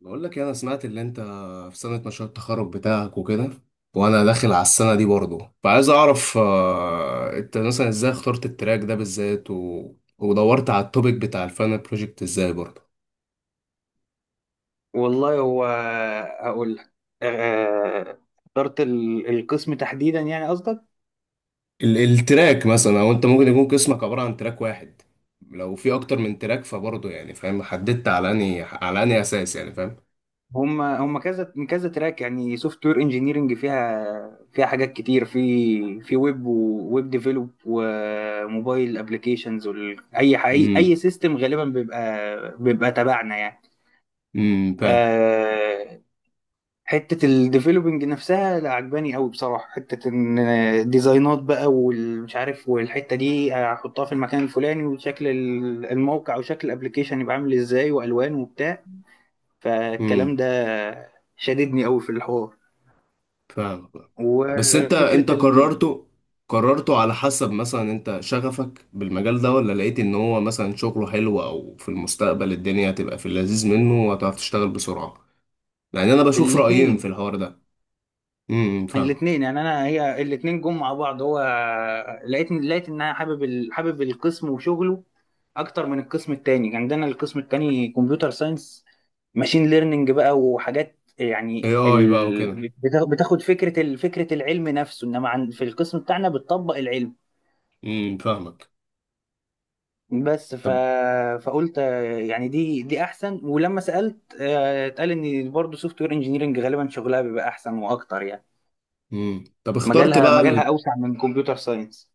بقول لك إيه، انا سمعت اللي انت في سنة مشروع التخرج بتاعك وكده. وانا داخل على السنة دي برضه، فعايز اعرف، انت مثلا ازاي اخترت التراك ده بالذات، و ودورت على التوبيك بتاع الفاينل بروجكت ازاي برضه والله، هو هقول لك. آه، اخترت القسم تحديدا، يعني قصدك. ال، التراك مثلا، او انت ممكن يكون قسمك عبارة عن تراك واحد. لو في اكتر من تراك فبرضه يعني، فاهم، حددت على اني اساس، يعني فاهم. هم هم كذا من كذا تراك، يعني سوفت وير انجينيرنج فيها حاجات كتير، في ويب، وويب ديفلوب، وموبايل ابلكيشنز. اي اي امم سيستم غالبا بيبقى تبعنا يعني. امم. فاهم. آه، حتة الديفلوبينج نفسها لا عجباني قوي بصراحة، حتة ان الديزاينات بقى والمش عارف، والحتة دي هحطها في المكان الفلاني، وشكل الموقع وشكل الابليكيشن يبقى عامل ازاي، والوان وبتاع. امم فالكلام ده شددني قوي في الحوار. فاهم، فاهم. بس انت وفكرة قررته. قررته على حسب مثلا انت شغفك بالمجال ده، ولا لقيت ان هو مثلا شغله حلو، او في المستقبل الدنيا هتبقى في اللذيذ منه وهتعرف تشتغل بسرعة. يعني انا بشوف رأيين الاتنين في الحوار ده. امم، فاهمك. الاثنين، يعني انا، هي الاثنين جم مع بعض. هو لقيت ان انا حابب حابب القسم وشغله اكتر من القسم التاني. يعني عندنا القسم التاني كمبيوتر ساينس، ماشين ليرنينج بقى وحاجات. يعني اي، اي بقى وكده. بتاخد فكرة فكرة العلم نفسه، انما في القسم بتاعنا بتطبق العلم. امم، فاهمك. بس ف... طب. فقلت، يعني دي احسن. ولما سألت، اتقال ان برضه سوفت وير انجينيرنج غالبا شغلها بيبقى احسن واكتر، يعني امم، طب اخترت مجالها بقى مجالها ال، اوسع من كمبيوتر ساينس.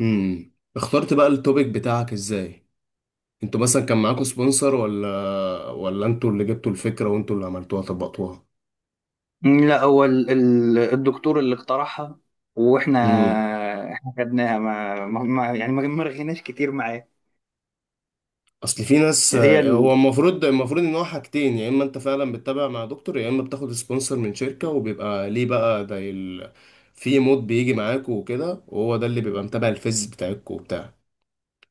امم، اخترت بقى التوبيك بتاعك ازاي؟ انتوا مثلا كان معاكوا سبونسر، ولا انتوا اللي جبتوا الفكرة وانتوا اللي عملتوها طبقتوها؟ لا، هو الدكتور اللي اقترحها، واحنا امم. خدناها. يعني ما رغيناش كتير معاه. اصل في ناس. هي هو ال... المفروض ان هو حاجتين، يا اما انت فعلا بتتابع مع دكتور، يا اما بتاخد سبونسر من شركه، وبيبقى ليه بقى ده ال، في مود بيجي معاكوا وكده، وهو ده اللي بيبقى متابع الفيز بتاعكوا وبتاع.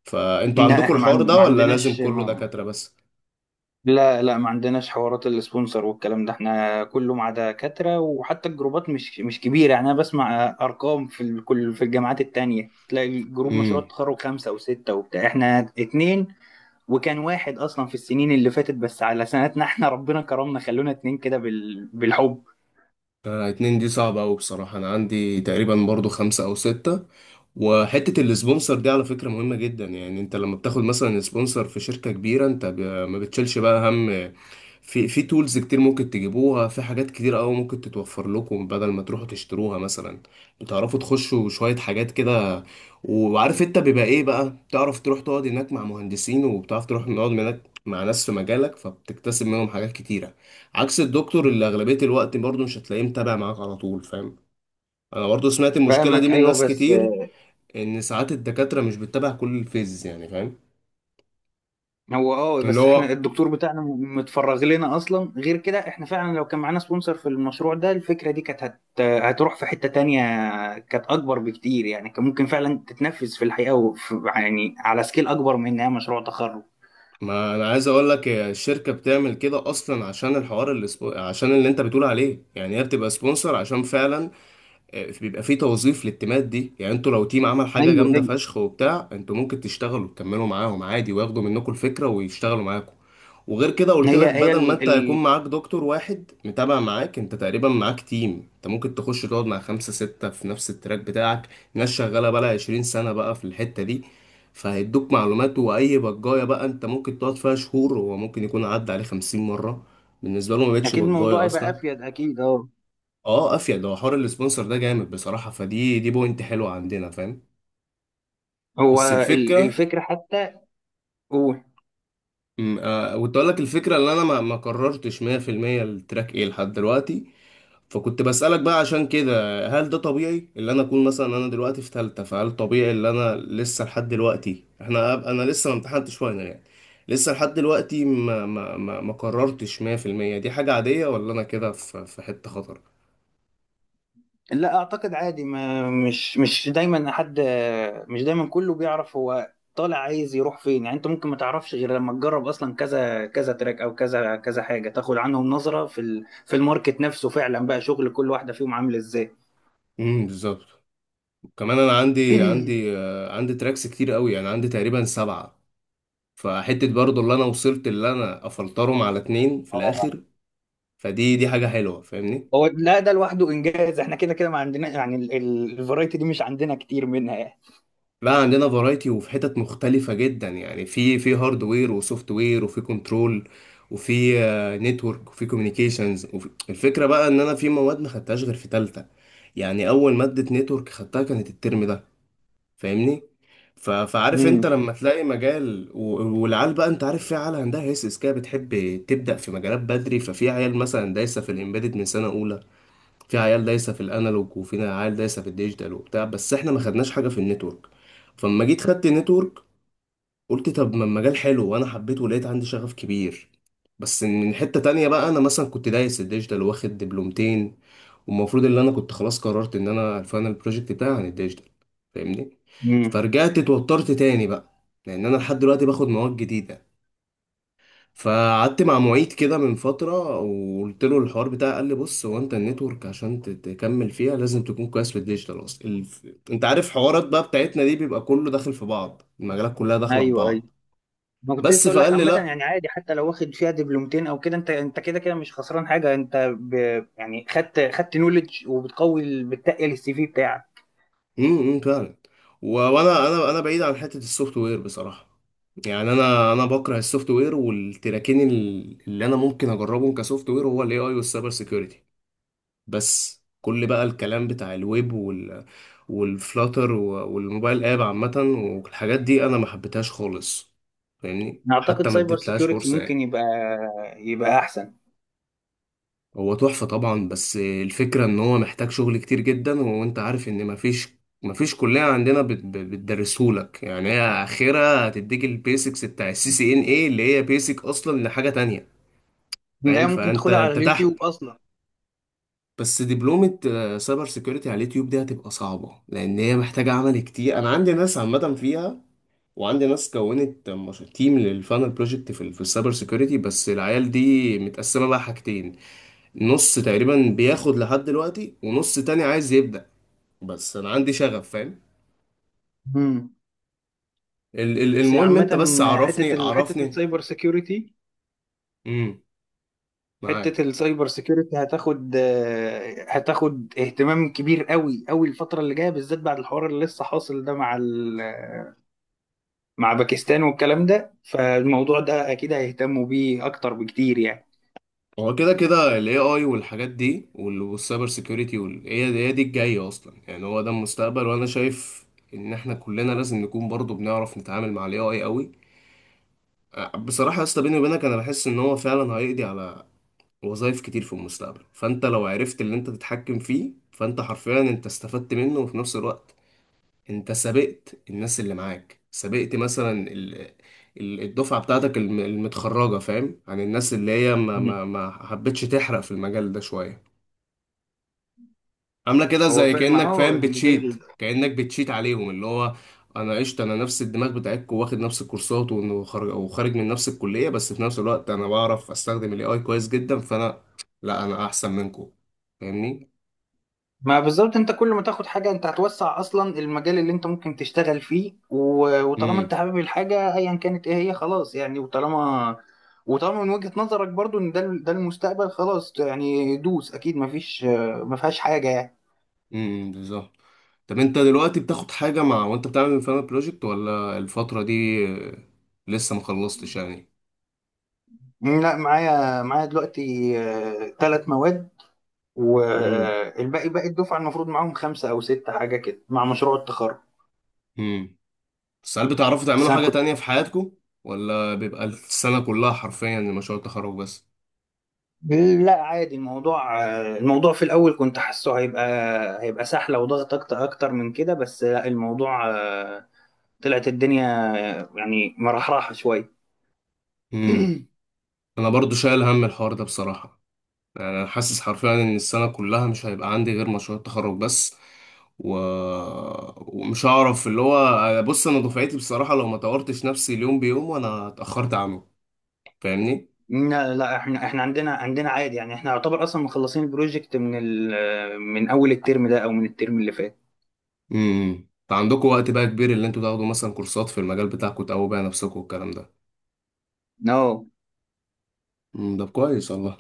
فانتوا لا عندكوا احنا الحوار ده ما ولا لازم عندناش كله ما... دكاتره بس؟ لا، لا، ما عندناش حوارات السبونسر والكلام ده. احنا كله مع دكاترة، وحتى الجروبات مش كبيرة. يعني انا بسمع ارقام كل في الجامعات التانية تلاقي الجروب مشروع امم. التخرج خمسة وستة وبتاع. احنا اتنين، وكان واحد اصلا في السنين اللي فاتت. بس على سنتنا احنا ربنا كرمنا، خلونا اتنين كده بالحب. اتنين دي صعبة أوي بصراحة. أنا عندي تقريبا برضو خمسة أو ستة. وحتة السبونسر دي على فكرة مهمة جدا. يعني أنت لما بتاخد مثلا سبونسر في شركة كبيرة، أنت ب- ما بتشيلش بقى هم. في تولز كتير ممكن تجيبوها، في حاجات كتير أوي ممكن تتوفر لكم بدل ما تروحوا تشتروها مثلا. بتعرفوا تخشوا شوية حاجات كده. وعارف أنت بيبقى إيه بقى، تعرف تروح تقعد هناك مع مهندسين، وبتعرف تروح تقعد هناك مع ناس في مجالك، فبتكتسب منهم حاجات كتيرة. عكس الدكتور اللي اغلبيه الوقت برضه مش هتلاقيه متابع معاك على طول، فاهم. انا برضه سمعت المشكله دي فاهمك، من ايوه. ناس بس كتير، ان ساعات الدكاتره مش بتتابع كل الفيز، يعني فاهم. هو، اه، اللي بس احنا هو، الدكتور بتاعنا متفرغ لنا اصلا. غير كده، احنا فعلا لو كان معانا سبونسر في المشروع ده، الفكره دي كانت هتروح في حته تانية. كانت اكبر بكتير، يعني كان ممكن فعلا تتنفذ في الحقيقه، وفي يعني على سكيل اكبر من انها مشروع تخرج. ما انا عايز اقول لك الشركه بتعمل كده اصلا عشان الحوار اللي عشان اللي انت بتقول عليه. يعني هي بتبقى سبونسر عشان فعلا، بيبقى في توظيف للتيمات دي. يعني انتوا لو تيم عمل حاجة ايوه جامدة ايوه. فشخ وبتاع، انتوا ممكن تشتغلوا تكملوا معاهم عادي، وياخدوا منكم الفكرة ويشتغلوا معاكم. وغير كده قلت هي لك، هي بدل ما ال... انت ال... هيكون معاك دكتور واحد متابع معاك، انت تقريبا معاك تيم. انت ممكن تخش تقعد مع خمسة ستة في نفس التراك بتاعك. ناس شغالة بقى 20 سنة بقى في الحتة دي. فهيدوك معلومات. وأي بجاية بقى انت ممكن تقعد فيها شهور، هو ممكن يكون عدى عليه 50 مرة. بالنسبة له ما بقتش اكيد بجاية الموضوع يبقى أصلا. افيد، اكيد، اه. اه، افيد. هو حوار السبونسر ده جامد بصراحه، فدي، دي بوينت حلوه عندنا، فاهم. هو بس الفكره، الفكره حتى. كنت اقول لك الفكره، اللي انا ما قررتش 100% التراك ايه لحد دلوقتي. فكنت بسالك بقى عشان كده. هل ده طبيعي اللي انا اكون مثلا انا دلوقتي في ثالثه، فهل طبيعي اللي انا لسه لحد دلوقتي، احنا أب- انا لسه ما امتحنتش فاينل يعني، لسه لحد دلوقتي ما قررتش 100%؟ دي حاجه عاديه ولا انا كده في حته خطر؟ لا، اعتقد عادي. ما مش دايما حد، مش دايما كله بيعرف هو طالع عايز يروح فين. يعني انت ممكن ما تعرفش غير لما تجرب اصلا كذا كذا تراك او كذا كذا حاجه، تاخد عنهم نظره في في الماركت نفسه، فعلا بقى شغل كل واحده فيهم عامل ازاي. امم، بالظبط. كمان انا عندي تراكس كتير قوي. يعني عندي تقريبا سبعة. فحتة برضو اللي انا وصلت اللي انا افلترهم على اتنين في الاخر، فدي حاجة حلوة، فاهمني. هو لا، ده لوحده انجاز. احنا كده كده ما عندنا، يعني الفرايتي دي مش عندنا كتير منها يعني. لا، عندنا فرايتي وفي حتت مختلفة جدا. يعني في هاردوير وسوفت وير، وفي كنترول، وفي نتورك، وفي كوميونيكيشنز، وفي، الفكرة بقى ان انا في مواد ما خدتهاش غير في تالتة. يعني اول مادة نتورك خدتها كانت الترم ده، فاهمني. ف، فعارف انت امم. لما تلاقي مجال و، والعيال بقى، انت عارف في عيال عندها هيسس كده بتحب تبدأ في مجالات بدري. ففي عيال مثلا دايسة في الامبيدد من سنة اولى. في عيال دايسة في الانالوج، وفي عيال دايسة في الديجيتال وبتاع. بس احنا ما خدناش حاجة في النتورك. فلما جيت خدت النتورك، قلت طب ما المجال حلو وانا حبيته ولقيت عندي شغف كبير. بس من حتة تانية بقى، انا مثلا كنت دايس الديجيتال واخد دبلومتين، والمفروض ان انا كنت خلاص قررت ان انا الفاينل بروجكت بتاعي عن الديجيتال، فاهمني. امم. فرجعت اتوترت تاني بقى لان انا لحد دلوقتي باخد مواد جديدة. فقعدت مع معيد كده من فترة، وقلت له الحوار بتاعي، قال لي بص، هو انت النتورك عشان ت- تكمل فيها لازم تكون كويس في الديجيتال اصلا. انت عارف حوارات بقى بتاعتنا دي بيبقى كله داخل في بعض، المجالات كلها داخلة في ايوه ايوه، بعض. ما كنت بس لسه اقول لك. فقال لي عامه لا. يعني عادي حتى لو واخد فيها دبلومتين او كده، انت كده كده مش خسران حاجه. يعني خدت نولج، وبتقوي بتقل السي في بتاعك. إمم، فعلا. وانا انا انا بعيد عن حته السوفت وير بصراحه. يعني انا بكره السوفت وير. والتراكين اللي انا ممكن اجربهم كسوفت وير هو الاي اي والسايبر سيكيورتي. بس كل بقى الكلام بتاع الويب وال، والفلاتر، والموبايل اب عامه، والحاجات دي انا ما حبيتهاش خالص، فاهمني. اعتقد حتى ما سايبر اديتلهاش سيكيورتي فرصه ممكن يعني. يبقى احسن. هو تحفة طبعا، بس الفكرة ان هو محتاج شغل كتير جدا. وانت عارف ان مفيش كلية عندنا بتدرسهولك. يعني هي اخرها هتديك البيسكس بتاع السي سي ان اي اللي هي بيسك اصلا لحاجة تانية، فاهم. لا، ممكن فانت تاخدها على انت تحت. اليوتيوب اصلا. بس دبلومة، سايبر سيكيورتي على اليوتيوب دي هتبقى صعبة لان هي محتاجة عمل كتير. انا عندي ناس عامة فيها. وعندي ناس كونت تيم للفانل بروجكت في في السايبر سيكيورتي. بس العيال دي متقسمة بقى حاجتين، نص تقريبا بياخد لحد دلوقتي، ونص تاني عايز يبدأ. بس انا عندي شغف، فاهم. امم. ال بس المهم عامه، انت بس عرفني، عرفني. امم، حته معاك. السايبر سيكيورتي هتاخد، اهتمام كبير قوي قوي الفتره اللي جايه، بالذات بعد الحوار اللي لسه حاصل ده مع مع باكستان والكلام ده. فالموضوع ده اكيد هيهتموا بيه اكتر بكتير يعني. هو كده كده ال AI والحاجات دي والسايبر سيكيورتي هي هي دي الجاية اصلا. يعني هو ده المستقبل، وانا شايف ان احنا كلنا لازم نكون برضو بنعرف نتعامل مع ال AI قوي. بصراحة يا اسطى بيني وبينك، انا بحس ان هو فعلا هيقضي على وظائف كتير في المستقبل. فانت لو عرفت اللي انت تتحكم فيه، فانت حرفيا انت استفدت منه، وفي نفس الوقت انت سبقت الناس اللي معاك. سبقت مثلا الدفعة بتاعتك المتخرجة، فاهم، عن الناس اللي هي ما مم. ما ما حبتش تحرق في المجال ده شوية. عاملة كده هو، زي فاهم، كأنك اه. فاهم يعني ده بتشيت، كأنك بتشيت عليهم. اللي هو انا قشطة، انا نفس الدماغ بتاعتكم، واخد نفس الكورسات، وخارج، وخارج من نفس الكلية. بس في نفس الوقت انا بعرف استخدم الاي اي كويس جدا. فانا لا، انا احسن منكم، فاهمني. ما بالظبط، انت كل ما تاخد حاجه انت هتوسع اصلا المجال اللي انت ممكن تشتغل فيه. وطالما انت امم. حابب الحاجه، ايا كانت ايه هي، خلاص يعني. وطالما من وجهه نظرك برضو ان ده ده المستقبل، خلاص يعني، دوس، اكيد ما فيهاش حاجه يعني. امم، بالظبط. طب انت دلوقتي بتاخد حاجة مع وانت بتعمل الفاينل بروجكت، ولا الفترة دي لسه ما خلصتش يعني؟ لا، معايا دلوقتي ثلاث مواد، امم باقي الدفعة المفروض معاهم خمسة أو ستة حاجة كده مع مشروع التخرج. امم. بس هل بتعرفوا بس تعملوا أنا حاجة كنت تانية في حياتكم، ولا بيبقى السنة كلها حرفيا مشروع التخرج بس؟ لا، عادي، الموضوع، الموضوع في الأول كنت حاسه هيبقى سحلة وضغط أكتر أكتر من كده. بس لا، الموضوع، طلعت الدنيا، يعني مرحرحة شوية. امم. انا برضو شايل هم الحوار ده بصراحة. يعني انا حاسس حرفيا ان السنة كلها مش هيبقى عندي غير مشروع التخرج بس، و، ومش هعرف اللي هو. بص، انا دفعتي بصراحة لو ما طورتش نفسي اليوم بيوم وانا اتأخرت عنه، فاهمني. لا لا، احنا عندنا عادي يعني. احنا يعتبر اصلا مخلصين البروجكت من من اول الترم ده او من الترم اللي فات. امم، عندكم وقت بقى كبير اللي انتوا تاخدوا مثلا كورسات في المجال بتاعكم، تقووا بقى نفسكم والكلام ده. No. امم، ده كويس والله.